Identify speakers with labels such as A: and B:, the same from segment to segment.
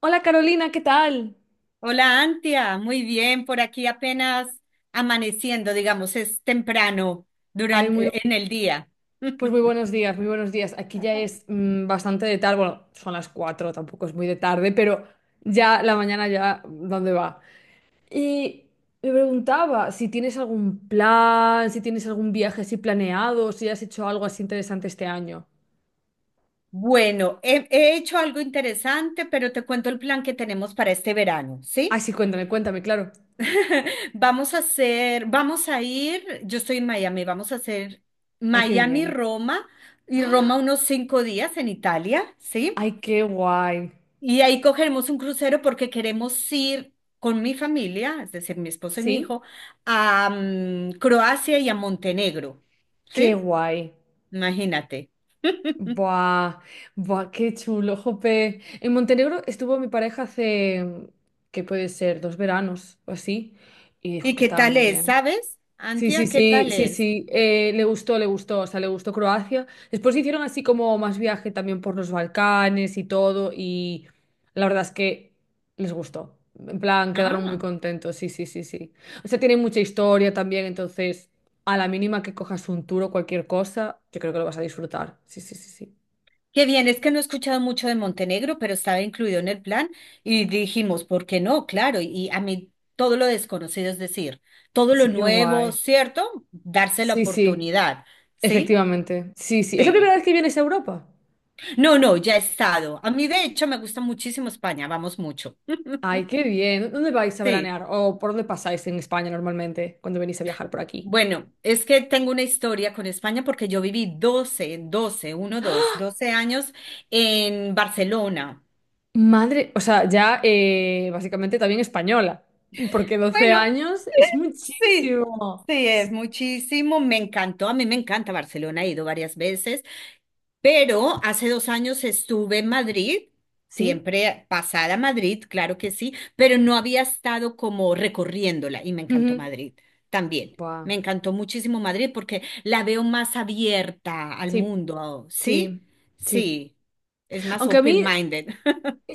A: Hola Carolina, ¿qué tal?
B: Hola, Antia. Muy bien, por aquí apenas amaneciendo, digamos, es temprano
A: Ay,
B: durante en el día.
A: pues muy buenos días, muy buenos días. Aquí ya es bastante de tarde, bueno, son las 4, tampoco es muy de tarde, pero ya la mañana ya, ¿dónde va? Y me preguntaba si tienes algún plan, si tienes algún viaje así planeado, si has hecho algo así interesante este año.
B: Bueno, he hecho algo interesante, pero te cuento el plan que tenemos para este verano,
A: Ay,
B: ¿sí?
A: sí, cuéntame, cuéntame, claro.
B: Vamos a ir, yo estoy en Miami, vamos a hacer
A: Ay, qué bien.
B: Miami-Roma y Roma unos 5 días en Italia, ¿sí?
A: Ay, qué guay.
B: Y ahí cogeremos un crucero porque queremos ir con mi familia, es decir, mi esposo y mi
A: ¿Sí?
B: hijo, a Croacia y a Montenegro.
A: Qué
B: ¿Sí?
A: guay.
B: Imagínate.
A: Buah, buah, qué chulo, jope. En Montenegro estuvo mi pareja hace, ¿qué puede ser? 2 veranos o así, y dijo
B: ¿Y
A: que
B: qué
A: estaba
B: tal
A: muy
B: es?
A: bien.
B: ¿Sabes?
A: Sí, sí,
B: Antia, ¿qué
A: sí,
B: tal
A: sí,
B: es?
A: sí, le gustó, o sea, le gustó Croacia. Después hicieron así como más viaje también por los Balcanes y todo, y la verdad es que les gustó. En plan, quedaron muy
B: Ah,
A: contentos, sí, sí, sí, sí. O sea, tiene mucha historia también, entonces, a la mínima que cojas un tour o cualquier cosa, yo creo que lo vas a disfrutar. Sí, sí, sí, sí.
B: qué bien, es que no he escuchado mucho de Montenegro, pero estaba incluido en el plan y dijimos, ¿por qué no? Claro, y a mí todo lo desconocido, es decir, todo
A: Sí,
B: lo
A: qué
B: nuevo,
A: guay.
B: ¿cierto? Darse la
A: Sí, sí,
B: oportunidad, ¿sí?
A: efectivamente. Sí, sí. ¿Es la primera
B: Sí.
A: vez que vienes a Europa?
B: No, no, ya he estado. A mí, de hecho, me gusta muchísimo España, vamos mucho.
A: Ay, qué bien. ¿Dónde vais a
B: Sí.
A: veranear? ¿O por dónde pasáis en España normalmente cuando venís a viajar por aquí?
B: Bueno, es que tengo una historia con España porque yo viví 12 años en Barcelona.
A: Madre, o sea, ya básicamente también española, porque 12
B: Bueno,
A: años es
B: sí,
A: muchísimo.
B: sí, es
A: Sí.
B: muchísimo. Me encantó, a mí me encanta Barcelona, he ido varias veces, pero hace 2 años estuve en Madrid,
A: Sí.
B: siempre pasada a Madrid, claro que sí, pero no había estado como recorriéndola y me encantó
A: Ujú.
B: Madrid también.
A: Buah.
B: Me encantó muchísimo Madrid porque la veo más abierta al
A: Sí,
B: mundo,
A: sí,
B: ¿sí?
A: sí.
B: Sí, es más
A: Aunque a mí
B: open-minded.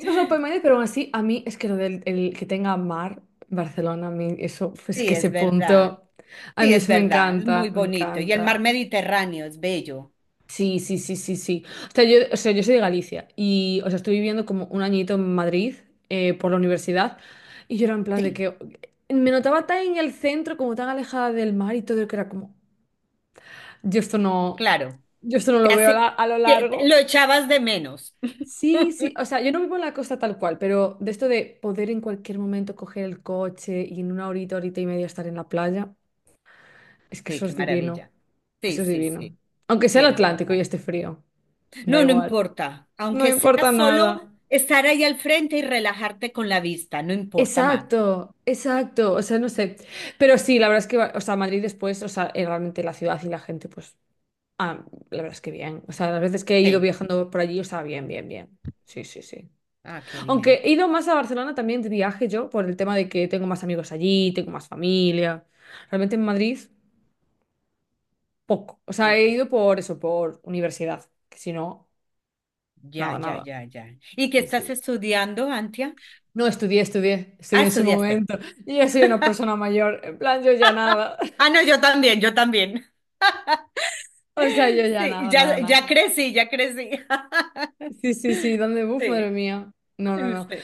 A: más me sorprende, pero aún así, a mí es que lo del el que tenga mar, Barcelona, a mí eso, es que
B: Sí,
A: ese
B: es verdad.
A: punto, a
B: Sí,
A: mí
B: es
A: eso me
B: verdad. Es muy
A: encanta, me
B: bonito. Y el mar
A: encanta.
B: Mediterráneo es bello.
A: Sí, sí, sí, sí, sí. O sea, yo soy de Galicia y, o sea, estuve viviendo como un añito en Madrid por la universidad y yo era en plan de
B: Sí,
A: que me notaba tan en el centro, como tan alejada del mar y todo, que era como, yo esto no,
B: claro.
A: yo esto no lo
B: Te
A: veo a
B: hace,
A: lo largo.
B: lo echabas de menos.
A: Sí, sí, o sea, yo no vivo en la costa tal cual, pero de esto de poder en cualquier momento coger el coche y en una horita, horita y media estar en la playa, es que
B: Sí,
A: eso
B: qué
A: es divino,
B: maravilla. Sí,
A: eso es
B: sí,
A: divino.
B: sí.
A: Aunque sea
B: Sí,
A: el
B: es
A: Atlántico y
B: verdad.
A: esté frío, da
B: No, no
A: igual,
B: importa.
A: no
B: Aunque sea
A: importa nada.
B: solo estar ahí al frente y relajarte con la vista, no importa más.
A: Exacto, exacto, o sea, no sé. Pero sí, la verdad es que, o sea, Madrid después, o sea, realmente la ciudad y la gente, pues, la verdad es que bien. O sea, las veces que he ido
B: Sí.
A: viajando por allí, o sea, bien, bien, bien. Sí, sí, sí.
B: Ah, qué
A: Aunque
B: bien.
A: he ido más a Barcelona también de viaje yo, por el tema de que tengo más amigos allí, tengo más familia. Realmente en Madrid, poco. O sea, he
B: Poco.
A: ido por eso, por universidad. Que si no,
B: Ya,
A: nada,
B: ya,
A: nada.
B: ya, ya. ¿Y qué
A: Sí,
B: estás
A: sí.
B: estudiando, Antia?
A: No estudié, estudié,
B: Ah,
A: estudié en su
B: estudiaste.
A: momento. Yo ya soy una persona mayor. En plan, yo ya nada.
B: Ah, no, yo también, yo también.
A: O sea, yo ya
B: Sí,
A: nada, nada,
B: ya, ya
A: nada.
B: crecí, ya crecí.
A: Sí, sí, sí, ¿Dónde uf, madre
B: Sí,
A: mía. No, no, no.
B: sí.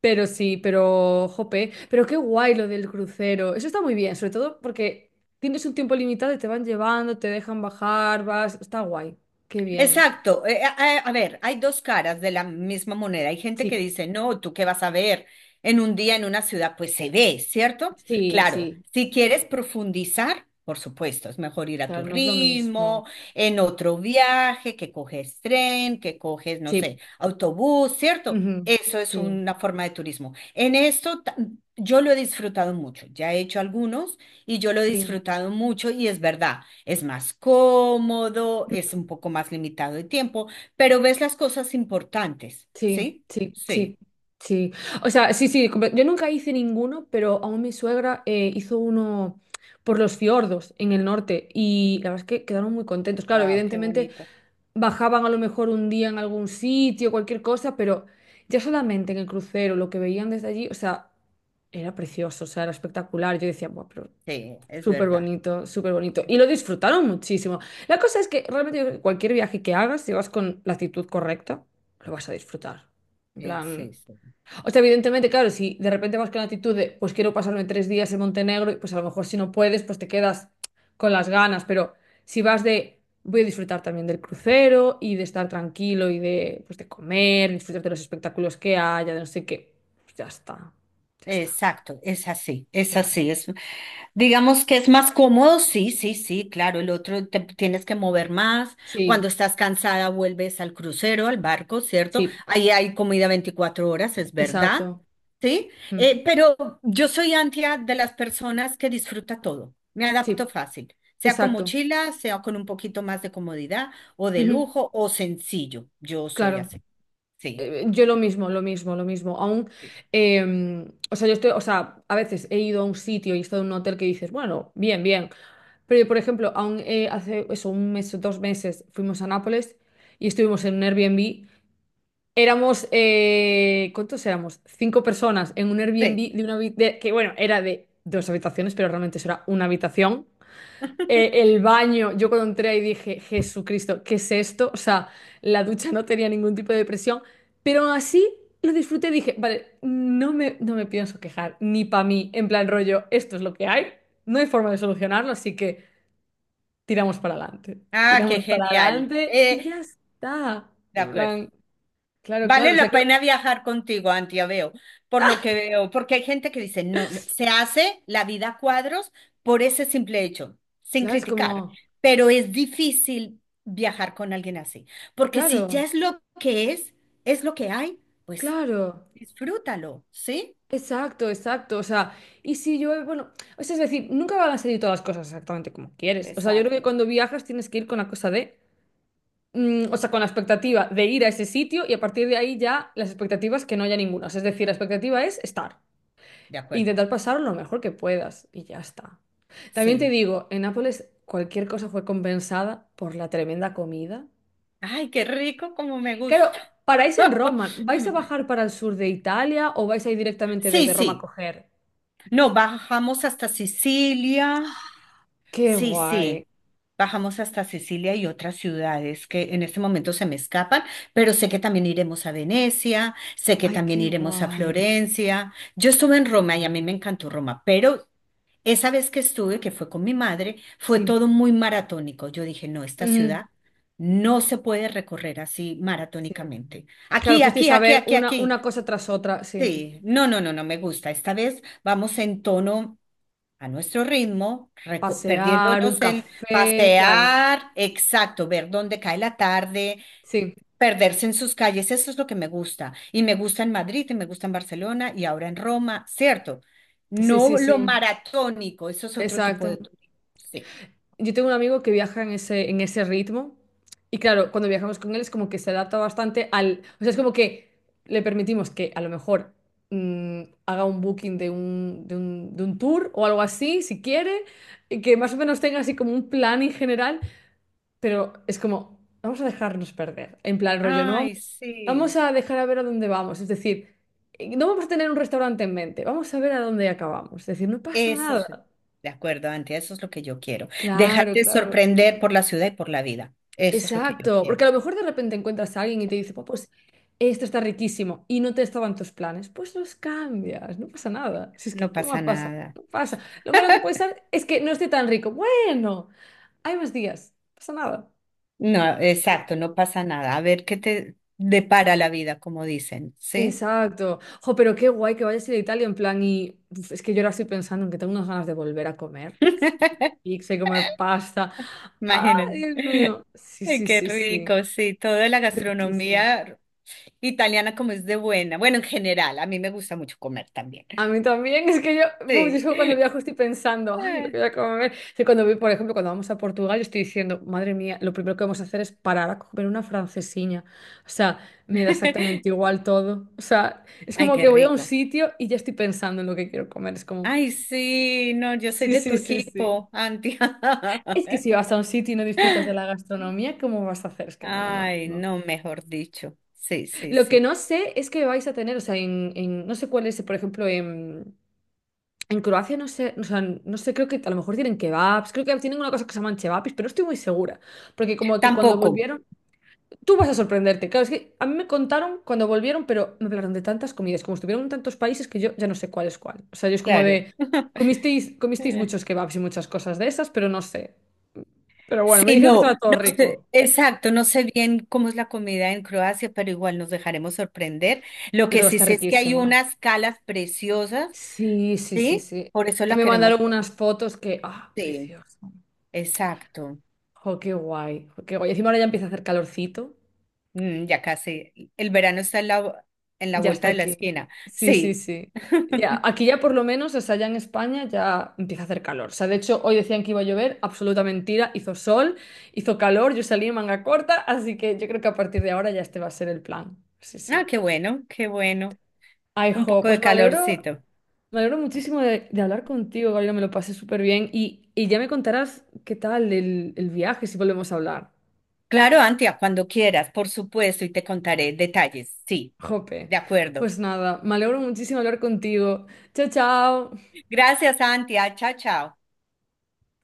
A: Pero sí, pero jope, pero qué guay lo del crucero. Eso está muy bien, sobre todo porque tienes un tiempo limitado y te van llevando, te dejan bajar, vas, está guay. Qué bien.
B: Exacto. A ver, hay dos caras de la misma moneda. Hay gente que
A: Sí,
B: dice, no, ¿tú qué vas a ver en un día en una ciudad? Pues se ve, ¿cierto?
A: sí,
B: Claro,
A: sí.
B: si quieres profundizar, por supuesto, es mejor ir a tu
A: Claro, no es lo mismo.
B: ritmo, en otro viaje, que coges tren, que coges, no
A: Sí.
B: sé, autobús, ¿cierto?
A: Ujú.
B: Eso es
A: Sí,
B: una forma de turismo. En yo lo he disfrutado mucho, ya he hecho algunos y yo lo he
A: sí.
B: disfrutado mucho y es verdad. Es más cómodo, es un poco más limitado de tiempo, pero ves las cosas importantes,
A: Sí,
B: ¿sí?
A: sí, sí,
B: Sí,
A: sí. O sea, sí, sí, yo nunca hice ninguno, pero aún mi suegra hizo uno por los fiordos en el norte y la verdad es que quedaron muy contentos. Claro,
B: wow, qué
A: evidentemente
B: bonito.
A: bajaban a lo mejor un día en algún sitio, cualquier cosa, pero ya solamente en el crucero, lo que veían desde allí, o sea, era precioso, o sea, era espectacular. Yo decía, bueno,
B: Sí, es
A: súper
B: verdad.
A: bonito, súper bonito. Y lo disfrutaron muchísimo. La cosa es que realmente yo creo que cualquier viaje que hagas, si vas con la actitud correcta, lo vas a disfrutar. En
B: Sí,
A: plan.
B: sí.
A: O sea, evidentemente, claro, si de repente vas con la actitud de, pues quiero pasarme 3 días en Montenegro, y pues a lo mejor si no puedes, pues te quedas con las ganas. Pero si vas de, voy a disfrutar también del crucero y de estar tranquilo y de, pues de comer, disfrutar de los espectáculos que haya, de no sé qué, pues ya está. Ya está.
B: Exacto, es así, es
A: Claro.
B: así. Es, digamos que es más cómodo, sí, sí, sí, claro. El otro te tienes que mover más. Cuando
A: Sí,
B: estás cansada, vuelves al crucero, al barco, ¿cierto?
A: sí,
B: Ahí hay comida 24 horas, es verdad.
A: exacto.
B: ¿Sí?
A: Mm.
B: Pero yo soy antia de las personas que disfruta todo. Me
A: Sí,
B: adapto fácil, sea con
A: exacto.
B: mochila, sea con un poquito más de comodidad o de
A: Ujú,
B: lujo o sencillo. Yo soy
A: claro.
B: así. Sí,
A: Yo lo mismo, lo mismo, lo mismo. Aún,
B: sí,
A: o sea, yo estoy, o sea, a veces he ido a un sitio y he estado en un hotel que dices, bueno, bien, bien. Pero yo, por ejemplo, aún hace eso, un mes o 2 meses fuimos a Nápoles y estuvimos en un Airbnb. Éramos, ¿cuántos éramos? Cinco personas en un
B: sí.
A: Airbnb de una que, bueno, era de dos habitaciones, pero realmente eso era una habitación. El baño, yo cuando entré ahí dije, Jesucristo, ¿qué es esto? O sea, la ducha no tenía ningún tipo de presión, pero aún así lo disfruté y dije, vale, no me pienso quejar, ni para mí, en plan rollo, esto es lo que hay, no hay forma de solucionarlo, así que
B: Ah, qué
A: tiramos para
B: genial.
A: adelante y ya está.
B: De
A: En
B: acuerdo.
A: plan, claro,
B: Vale
A: claro, o sea
B: la
A: que,
B: pena viajar contigo, Antia, veo, por lo que veo, porque hay gente que dice, no, no, se hace la vida a cuadros por ese simple hecho, sin
A: claro, es
B: criticar,
A: como,
B: pero es difícil viajar con alguien así, porque si ya
A: claro,
B: es lo que hay, pues
A: claro.
B: disfrútalo, ¿sí?
A: Exacto, exacto. O sea, y si llueve, bueno, o sea, es decir, nunca van a salir todas las cosas exactamente como quieres. O sea, yo creo que
B: Exacto.
A: cuando viajas tienes que ir con la cosa de, o sea, con la expectativa de ir a ese sitio y a partir de ahí ya las expectativas que no haya ninguna. O sea, es decir, la expectativa es estar,
B: De acuerdo,
A: intentar pasar lo mejor que puedas y ya está. También te
B: sí.
A: digo, en Nápoles cualquier cosa fue compensada por la tremenda comida.
B: Ay, qué rico, como me
A: Claro,
B: gusta.
A: paráis en Roma, ¿vais a bajar para el sur de Italia o vais a ir directamente
B: Sí,
A: desde Roma a
B: sí.
A: coger?
B: No, bajamos hasta Sicilia.
A: Qué
B: Sí,
A: guay.
B: sí. Bajamos hasta Sicilia y otras ciudades que en este momento se me escapan, pero sé que también iremos a Venecia, sé que
A: Ay,
B: también
A: qué
B: iremos a
A: guay.
B: Florencia. Yo estuve en Roma y a mí me encantó Roma, pero esa vez que estuve, que fue con mi madre, fue
A: Sí.
B: todo muy maratónico. Yo dije, no, esta
A: Ujú.
B: ciudad no se puede recorrer así
A: Sí.
B: maratónicamente.
A: Claro,
B: Aquí, aquí,
A: fuisteis a
B: aquí,
A: ver
B: aquí, aquí.
A: una cosa tras otra, sí.
B: Sí, no, no, no, no me gusta. Esta vez vamos en tono a nuestro ritmo,
A: Pasear, un
B: perdiéndonos el
A: café, claro.
B: pasear, exacto, ver dónde cae la tarde,
A: Sí,
B: perderse en sus calles, eso es lo que me gusta. Y me gusta en Madrid, y me gusta en Barcelona, y ahora en Roma, ¿cierto?
A: sí, sí,
B: No lo
A: sí.
B: maratónico, eso es otro tipo
A: Exacto.
B: de turismo. Sí.
A: Yo tengo un amigo que viaja en ese ritmo y claro, cuando viajamos con él es como que se adapta bastante al... O sea, es como que le permitimos que a lo mejor haga un booking de un tour o algo así, si quiere, y que más o menos tenga así como un plan en general. Pero es como, vamos a dejarnos perder. En plan, rollo, no vamos,
B: Ay, sí,
A: vamos a dejar a ver a dónde vamos. Es decir, no vamos a tener un restaurante en mente, vamos a ver a dónde acabamos. Es decir, no pasa
B: eso es.
A: nada.
B: De acuerdo, Antia, eso es lo que yo quiero.
A: Claro,
B: Dejarte
A: claro.
B: sorprender por la ciudad y por la vida. Eso es lo que yo
A: Exacto. Porque
B: quiero.
A: a lo mejor de repente encuentras a alguien y te dice, "Buah, pues esto está riquísimo y no te estaban tus planes. Pues los cambias, no pasa nada. Si es que,
B: No
A: ¿qué más
B: pasa
A: pasa?
B: nada.
A: No pasa. Lo malo que puede ser es que no esté tan rico. Bueno, hay más días, no pasa nada.
B: No, exacto, no pasa nada. A ver qué te depara la vida, como dicen, ¿sí?
A: Exacto. Jo, pero qué guay que vayas a ir a Italia en plan y uf, es que yo ahora estoy pensando en que tengo unas ganas de volver a comer pizza y comer pasta. ¡Ah,
B: Imagínate.
A: Dios mío! Sí,
B: Ay,
A: sí,
B: qué
A: sí, sí.
B: rico, sí, toda la
A: Riquísimo.
B: gastronomía italiana como es de buena. Bueno, en general, a mí me gusta mucho comer también.
A: A mí también, es que yo, uf, yo
B: Sí.
A: es que cuando viajo estoy pensando, ay, lo que voy a comer. Sí, cuando voy, por ejemplo, cuando vamos a Portugal, yo estoy diciendo, madre mía, lo primero que vamos a hacer es parar a comer una francesiña. O sea, me da exactamente igual todo. O sea, es
B: Ay,
A: como
B: qué
A: que voy a un
B: rico.
A: sitio y ya estoy pensando en lo que quiero comer. Es como,
B: Ay, sí, no, yo soy
A: sí,
B: de tu
A: sí, sí, sí.
B: equipo, Antia.
A: Es que si vas a un sitio y no disfrutas de la gastronomía, ¿cómo vas a hacer? Es que no, no, no,
B: Ay,
A: no.
B: no, mejor dicho. Sí, sí,
A: Lo que
B: sí.
A: no sé es que vais a tener, o sea, en, no sé cuál es, por ejemplo, en Croacia, no sé, o sea, no sé, creo que a lo mejor tienen kebabs, creo que tienen una cosa que se llaman chevapis, pero no estoy muy segura, porque como que cuando
B: Tampoco,
A: volvieron, tú vas a sorprenderte, claro, es que a mí me contaron cuando volvieron, pero me hablaron de tantas comidas, como estuvieron en tantos países que yo ya no sé cuál es cuál. O sea, yo es como
B: claro.
A: de, comisteis muchos kebabs y muchas cosas de esas, pero no sé. Pero bueno, me
B: Sí,
A: dijeron que
B: no,
A: estaba todo
B: no sé,
A: rico.
B: exacto, no sé bien cómo es la comida en Croacia, pero igual nos dejaremos sorprender. Lo
A: Yo
B: que
A: creo que
B: sí
A: está
B: sé es que hay
A: riquísimo.
B: unas calas preciosas,
A: Sí, sí, sí,
B: ¿sí?
A: sí.
B: Por eso la
A: Me
B: queremos.
A: mandaron unas fotos que, ah,
B: Sí,
A: precioso.
B: exacto.
A: Jo, qué guay, jo, qué guay. Encima ahora ya empieza a hacer calorcito.
B: Mm, ya casi. El verano está en la
A: Ya
B: vuelta
A: está
B: de la
A: aquí.
B: esquina.
A: Sí, sí,
B: Sí.
A: sí. Ya, aquí ya por lo menos, o sea, ya en España ya empieza a hacer calor. O sea, de hecho, hoy decían que iba a llover, absoluta mentira. Hizo sol, hizo calor, yo salí en manga corta, así que yo creo que a partir de ahora ya este va a ser el plan. Sí,
B: Ah,
A: sí.
B: qué bueno, qué bueno.
A: Ay,
B: Un
A: jo,
B: poco
A: pues
B: de
A: me alegro.
B: calorcito.
A: Me alegro muchísimo de hablar contigo, Gabriela, me lo pasé súper bien y ya me contarás qué tal el viaje si volvemos a hablar.
B: Claro, Antia, cuando quieras, por supuesto, y te contaré detalles. Sí,
A: Jope.
B: de acuerdo.
A: Pues nada, me alegro muchísimo de hablar contigo. Chao, chao.
B: Gracias, Antia. Chao, chao.